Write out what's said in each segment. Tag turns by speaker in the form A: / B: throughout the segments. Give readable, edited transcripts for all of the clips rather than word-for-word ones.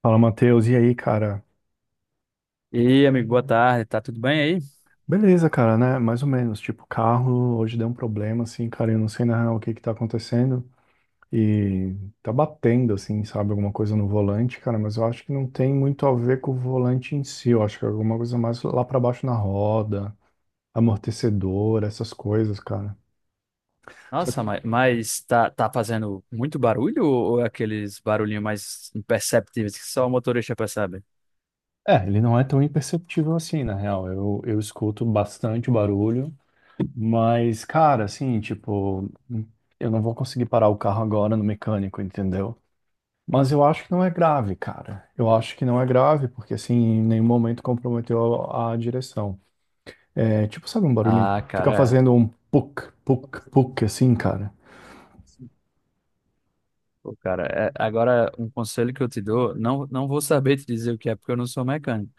A: Fala, Matheus. E aí, cara?
B: E amigo, boa tarde, tá tudo bem aí?
A: Beleza, cara, né? Mais ou menos. Tipo, carro hoje deu um problema, assim, cara. Eu não sei na real o que que tá acontecendo. E tá batendo, assim, sabe? Alguma coisa no volante, cara. Mas eu acho que não tem muito a ver com o volante em si. Eu acho que é alguma coisa mais lá pra baixo na roda, amortecedor, essas coisas, cara. Só que,
B: Nossa, mas, tá fazendo muito barulho ou é aqueles barulhinhos mais imperceptíveis que só o motorista percebe?
A: é, ele não é tão imperceptível assim, na real. Eu escuto bastante barulho. Mas, cara, assim, tipo. Eu não vou conseguir parar o carro agora no mecânico, entendeu? Mas eu acho que não é grave, cara. Eu acho que não é grave, porque assim, em nenhum momento comprometeu a direção. É tipo, sabe um barulhinho?
B: Ah,
A: Fica
B: cara,
A: fazendo um puk, puk, puk, assim, cara.
B: é. Pô, cara, agora um conselho que eu te dou, não, não vou saber te dizer o que é porque eu não sou mecânico,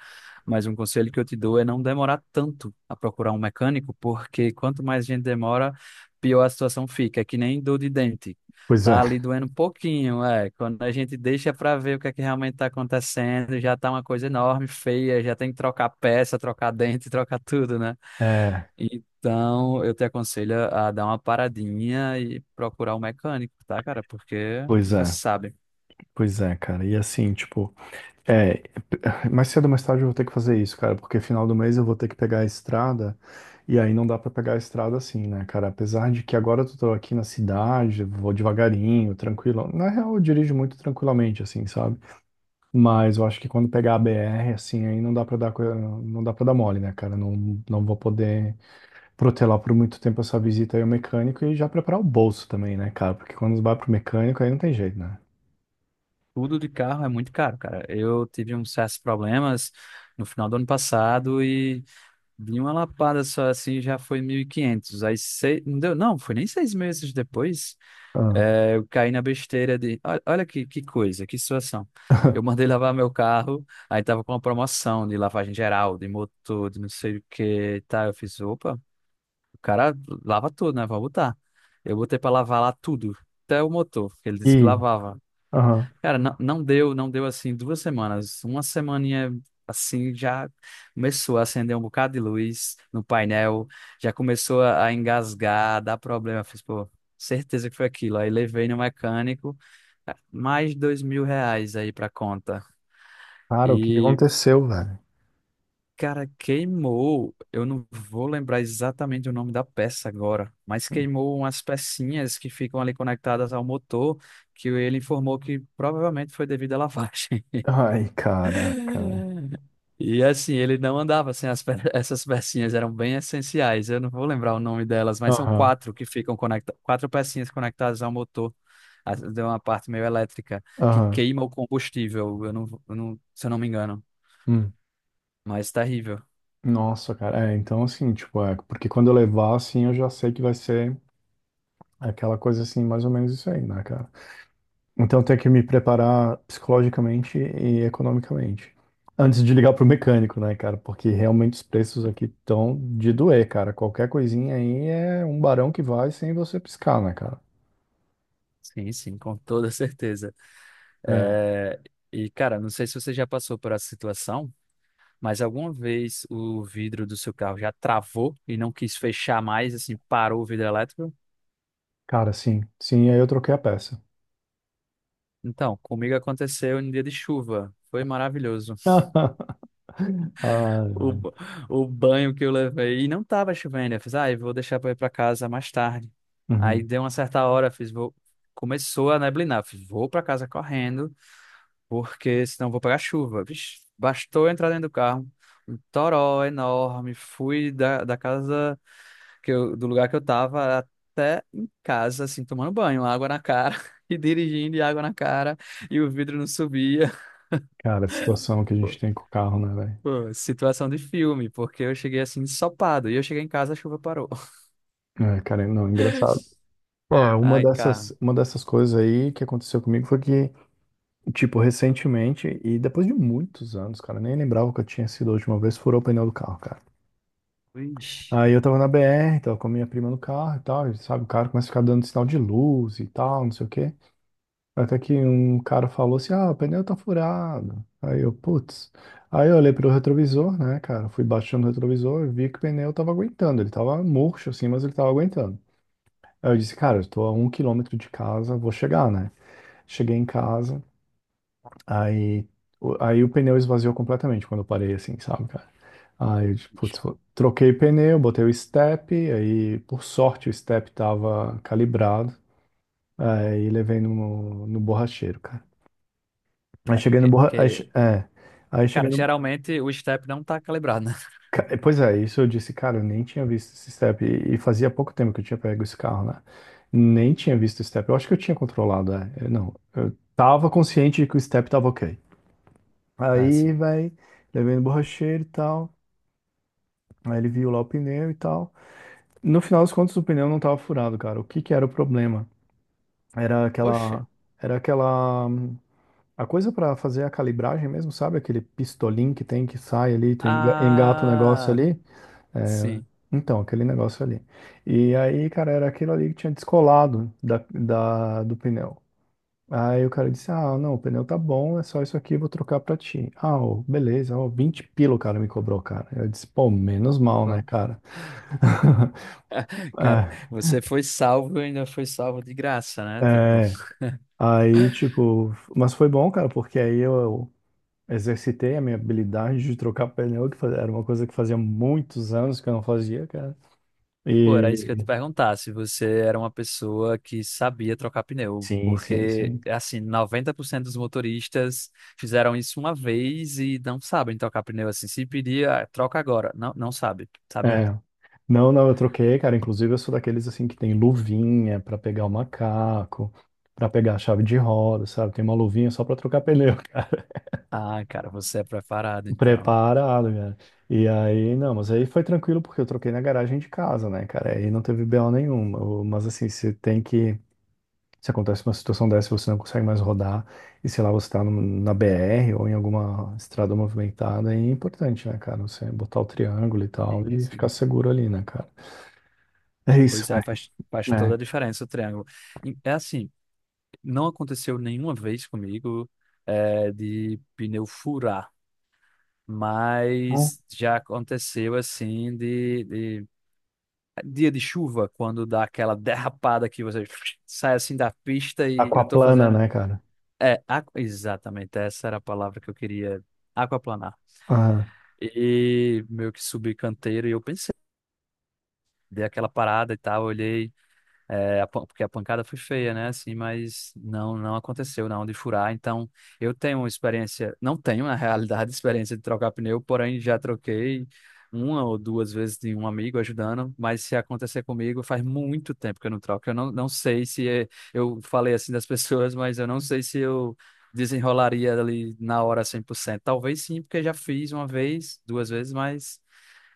B: mas um conselho que eu te dou é não demorar tanto a procurar um mecânico, porque quanto mais gente demora, pior a situação fica. É que nem dor de dente.
A: Pois
B: Tá
A: é.
B: ali doendo um pouquinho, é. Quando a gente deixa para ver o que é que realmente tá acontecendo, já tá uma coisa enorme, feia, já tem que trocar peça, trocar dente, trocar tudo, né?
A: É,
B: Então, eu te aconselho a dar uma paradinha e procurar um mecânico, tá, cara? Porque
A: pois
B: nunca se
A: é.
B: sabe.
A: Pois é, cara. E assim, tipo, é, mais cedo ou mais tarde eu vou ter que fazer isso, cara, porque final do mês eu vou ter que pegar a estrada, e aí não dá pra pegar a estrada assim, né, cara? Apesar de que agora eu tô aqui na cidade, vou devagarinho, tranquilo. Na real, eu dirijo muito tranquilamente, assim, sabe? Mas eu acho que quando pegar a BR, assim, aí não dá pra dar, não dá para dar mole, né, cara? Não, não vou poder protelar por muito tempo essa visita aí ao mecânico e já preparar o bolso também, né, cara? Porque quando vai pro mecânico, aí não tem jeito, né?
B: Tudo de carro é muito caro, cara. Eu tive uns certos problemas no final do ano passado e de uma lapada só assim já foi 1.500. Aí sei, não deu, não, foi nem 6 meses depois.
A: Ah.
B: Eu caí na besteira de. Olha, olha que coisa, que situação. Eu mandei lavar meu carro, aí tava com uma promoção de lavagem geral, de motor, de não sei o que e tal. Eu fiz, opa. O cara lava tudo, né? Vou botar. Eu botei pra lavar lá tudo, até o motor, que ele disse que
A: E,
B: lavava.
A: aham.
B: Cara, não, não deu, não deu assim 2 semanas. Uma semaninha assim já começou a acender um bocado de luz no painel, já começou a engasgar, a dar problema. Eu fiz, pô, certeza que foi aquilo. Aí levei no mecânico, mais R$ 2.000 aí pra conta.
A: Cara, o que que
B: e
A: aconteceu, velho?
B: Cara, queimou. Eu não vou lembrar exatamente o nome da peça agora, mas queimou umas pecinhas que ficam ali conectadas ao motor, que ele informou que provavelmente foi devido à lavagem.
A: Ai, caraca, velho.
B: E assim, ele não andava sem essas pecinhas, eram bem essenciais. Eu não vou lembrar o nome delas, mas são
A: Aham,
B: quatro que ficam conectadas, quatro pecinhas conectadas ao motor, de uma parte meio elétrica, que
A: aham.
B: queima o combustível, eu não, se eu não me engano.
A: Hum.
B: Mas terrível.
A: Nossa, cara. É, então assim, tipo, é, porque quando eu levar, assim, eu já sei que vai ser aquela coisa assim, mais ou menos isso aí, né, cara? Então eu tenho que me preparar psicologicamente e economicamente. Antes de ligar pro mecânico, né, cara? Porque realmente os preços aqui estão de doer, cara. Qualquer coisinha aí é um barão que vai sem você piscar, né, cara?
B: Sim, sim, com toda certeza.
A: É,
B: É, e, cara, não sei se você já passou por essa situação, mas alguma vez o vidro do seu carro já travou e não quis fechar mais, assim, parou o vidro elétrico?
A: cara, sim. Sim, aí eu troquei a peça.
B: Então, comigo aconteceu em dia de chuva. Foi maravilhoso.
A: Ai,
B: O, ba-
A: ai.
B: o banho que eu levei. E não tava chovendo. Eu fiz, ah, eu vou deixar pra ir pra casa mais tarde. Aí
A: Uhum.
B: deu uma certa hora, eu fiz, vou. Começou a neblinar. Eu fiz, vou pra casa correndo porque senão eu vou pegar chuva. Vixe, bastou eu entrar dentro do carro, um toró enorme. Fui da, da casa que eu, do lugar que eu tava até em casa, assim, tomando banho, água na cara e dirigindo e água na cara e o vidro não subia.
A: Cara, a situação que a
B: Pô,
A: gente tem com o carro, né, velho?
B: Pô, situação de filme, porque eu cheguei assim ensopado e eu cheguei em casa, a chuva parou.
A: É, cara, não, é engraçado. É, uma
B: Ai, cara.
A: dessas, uma dessas coisas aí que aconteceu comigo foi que tipo, recentemente, e depois de muitos anos, cara, nem lembrava que eu tinha sido a última vez, furou o pneu do carro, cara.
B: Ixi.
A: Aí eu tava na BR, tava com a minha prima no carro e tal, e sabe, o cara começa a ficar dando sinal de luz e tal, não sei o quê. Até que um cara falou assim, ah, o pneu tá furado. Aí eu, putz. Aí eu olhei pro retrovisor, né, cara, fui baixando o retrovisor e vi que o pneu tava aguentando, ele tava murcho assim, mas ele tava aguentando. Aí eu disse, cara, eu tô a um quilômetro de casa, vou chegar, né? Cheguei em casa, aí, aí o pneu esvaziou completamente quando eu parei, assim, sabe, cara? Aí, eu, tipo, putz, troquei pneu, botei o step, aí, por sorte, o step tava calibrado, aí levei no borracheiro, cara. Aí
B: É
A: cheguei no
B: porque,
A: borra...
B: porque,
A: aí cheguei
B: cara,
A: no...
B: geralmente o step não tá calibrado, né?
A: Pois é, isso eu disse, cara, eu nem tinha visto esse step, e fazia pouco tempo que eu tinha pego esse carro, né? Nem tinha visto o step, eu acho que eu tinha controlado, eu não, eu tava consciente de que o step tava ok.
B: Ah,
A: Aí,
B: sim.
A: vai, levei no borracheiro e tal... Aí ele viu lá o pneu e tal. No final das contas, o pneu não tava furado, cara. O que que era o problema? Era
B: Oxe.
A: aquela, era a coisa pra fazer a calibragem mesmo, sabe? Aquele pistolim que tem que sai ali, tu engata o negócio
B: Ah,
A: ali. É,
B: sim.
A: então, aquele negócio ali. E aí, cara, era aquilo ali que tinha descolado do pneu. Aí o cara disse, ah, não, o pneu tá bom, é só isso aqui, vou trocar pra ti. Ah, ô, beleza, ó, 20 pila o cara me cobrou, cara. Eu disse, pô, menos mal,
B: Pô,
A: né, cara?
B: cara,
A: É,
B: você foi salvo e ainda foi salvo de graça, né? Tipo,
A: é, aí, tipo, mas foi bom, cara, porque aí eu exercitei a minha habilidade de trocar pneu, que era uma coisa que fazia muitos anos que eu não fazia, cara.
B: pô, era isso que eu ia te
A: E
B: perguntar, se você era uma pessoa que sabia trocar pneu,
A: sim, sim,
B: porque,
A: sim.
B: assim, 90% dos motoristas fizeram isso uma vez e não sabem trocar pneu, assim, se pedir, ah, troca agora, não, não sabe, sabe?
A: É. Não, não, eu troquei, cara. Inclusive, eu sou daqueles assim que tem luvinha pra pegar o macaco, pra pegar a chave de roda, sabe? Tem uma luvinha só pra trocar pneu.
B: Ah, cara, você é preparado, então.
A: Preparado, cara. E aí, não, mas aí foi tranquilo porque eu troquei na garagem de casa, né, cara? Aí não teve BO nenhuma. Mas assim, você tem que. Se acontece uma situação dessa, você não consegue mais rodar, e sei lá, você tá na BR ou em alguma estrada movimentada, é importante, né, cara? Você botar o triângulo e tal
B: Sim,
A: e ficar
B: sim.
A: seguro ali, né, cara? É isso,
B: Pois é,
A: velho.
B: faz toda a
A: É.
B: diferença o triângulo. É assim, não aconteceu nenhuma vez comigo, é, de pneu furar, mas já aconteceu assim é, dia de chuva, quando dá aquela derrapada que você sai assim da pista e eu tô
A: Aquaplana,
B: fazendo.
A: né, cara?
B: É, exatamente, essa era a palavra que eu queria, aquaplanar.
A: Ah.
B: E meio que subi canteiro e eu pensei, dei aquela parada e tal, olhei. É, porque a pancada foi feia, né? Assim, mas não aconteceu, não, de furar. Então, eu tenho uma experiência, não tenho, na realidade, experiência de trocar pneu, porém já troquei uma ou duas vezes de um amigo ajudando, mas se acontecer comigo, faz muito tempo que eu não troco. Eu não, não sei se é- eu falei assim das pessoas, mas eu não sei se eu desenrolaria ali na hora 100%. Talvez sim, porque já fiz uma vez, duas vezes, mas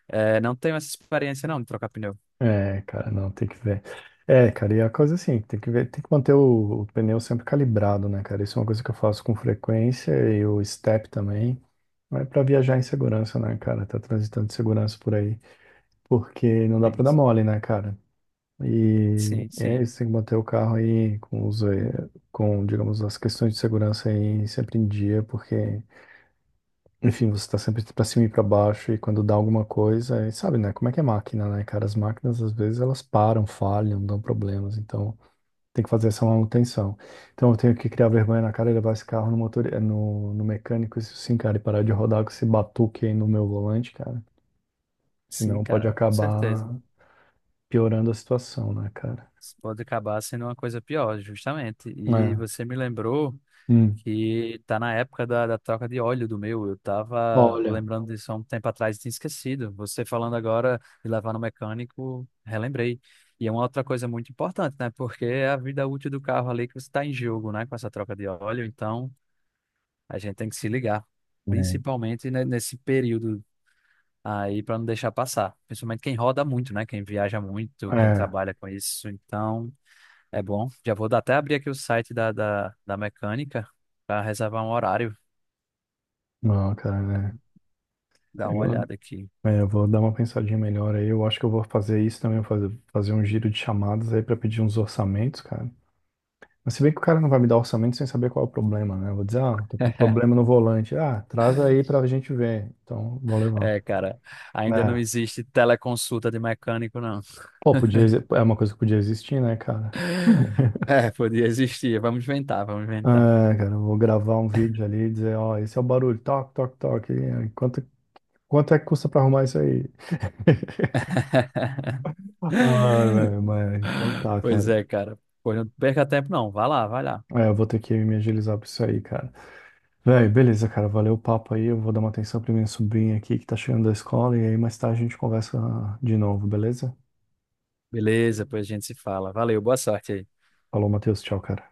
B: é, não tenho essa experiência, não, de trocar pneu.
A: É, cara, não, tem que ver. É, cara, e é a coisa assim, tem que ver, tem que manter o pneu sempre calibrado, né, cara? Isso é uma coisa que eu faço com frequência e o step também. Mas pra viajar em segurança, né, cara? Tá transitando de segurança por aí. Porque não dá pra
B: Sim,
A: dar mole, né, cara? E
B: sim,
A: é
B: sim.
A: isso, tem que manter o carro aí com os, eh, com, digamos, as questões de segurança aí sempre em dia, porque enfim, você tá sempre pra cima e pra baixo, e quando dá alguma coisa, e sabe, né? Como é que é máquina, né, cara? As máquinas, às vezes, elas param, falham, dão problemas, então tem que fazer essa manutenção. Então eu tenho que criar vergonha na cara e levar esse carro no motor, no mecânico, isso sim, cara, e parar de rodar com esse batuque aí no meu volante, cara.
B: Sim,
A: Senão pode
B: cara, com certeza.
A: acabar piorando a situação, né, cara?
B: Isso pode acabar sendo uma coisa pior, justamente. E
A: É.
B: você me lembrou
A: Hum.
B: que tá na época da troca de óleo do meu. Eu tava
A: Olha.
B: lembrando disso há um tempo atrás e tinha esquecido. Você falando agora de levar no mecânico, relembrei. E é uma outra coisa muito importante, né? Porque é a vida útil do carro ali que você está em jogo, né? Com essa troca de óleo. Então, a gente tem que se ligar.
A: É.
B: Principalmente, né, nesse período, aí para não deixar passar. Principalmente quem roda muito, né? Quem viaja muito, quem
A: É.
B: trabalha com isso. Então, é bom. Até abrir aqui o site da mecânica para reservar um horário.
A: Não, cara, né?
B: Dar uma olhada aqui.
A: É, eu vou dar uma pensadinha melhor aí. Eu acho que eu vou fazer isso também, eu vou fazer, fazer um giro de chamadas aí pra pedir uns orçamentos, cara. Mas se bem que o cara não vai me dar orçamento sem saber qual é o problema, né? Eu vou dizer, ah, tô com um problema no volante. Ah, traz aí pra gente ver. Então, vou levar.
B: É, cara, ainda não
A: É.
B: existe teleconsulta de mecânico, não.
A: Pô, podia, é uma coisa que podia existir, né, cara?
B: É, podia existir. Vamos inventar, vamos
A: É,
B: inventar.
A: cara, eu vou gravar um vídeo ali e dizer, ó, esse é o barulho, toque, toque, toque. E quanto, quanto é que custa pra arrumar isso aí? Ai, velho, mas então tá,
B: Pois
A: cara.
B: é, cara. Pois não perca tempo, não. Vai lá, vai lá.
A: É, eu vou ter que me agilizar pra isso aí, cara. Véi, beleza, cara. Valeu o papo aí. Eu vou dar uma atenção pra minha sobrinha aqui que tá chegando da escola. E aí mais tarde a gente conversa de novo, beleza?
B: Beleza, pois a gente se fala. Valeu, boa sorte aí.
A: Falou, Matheus. Tchau, cara.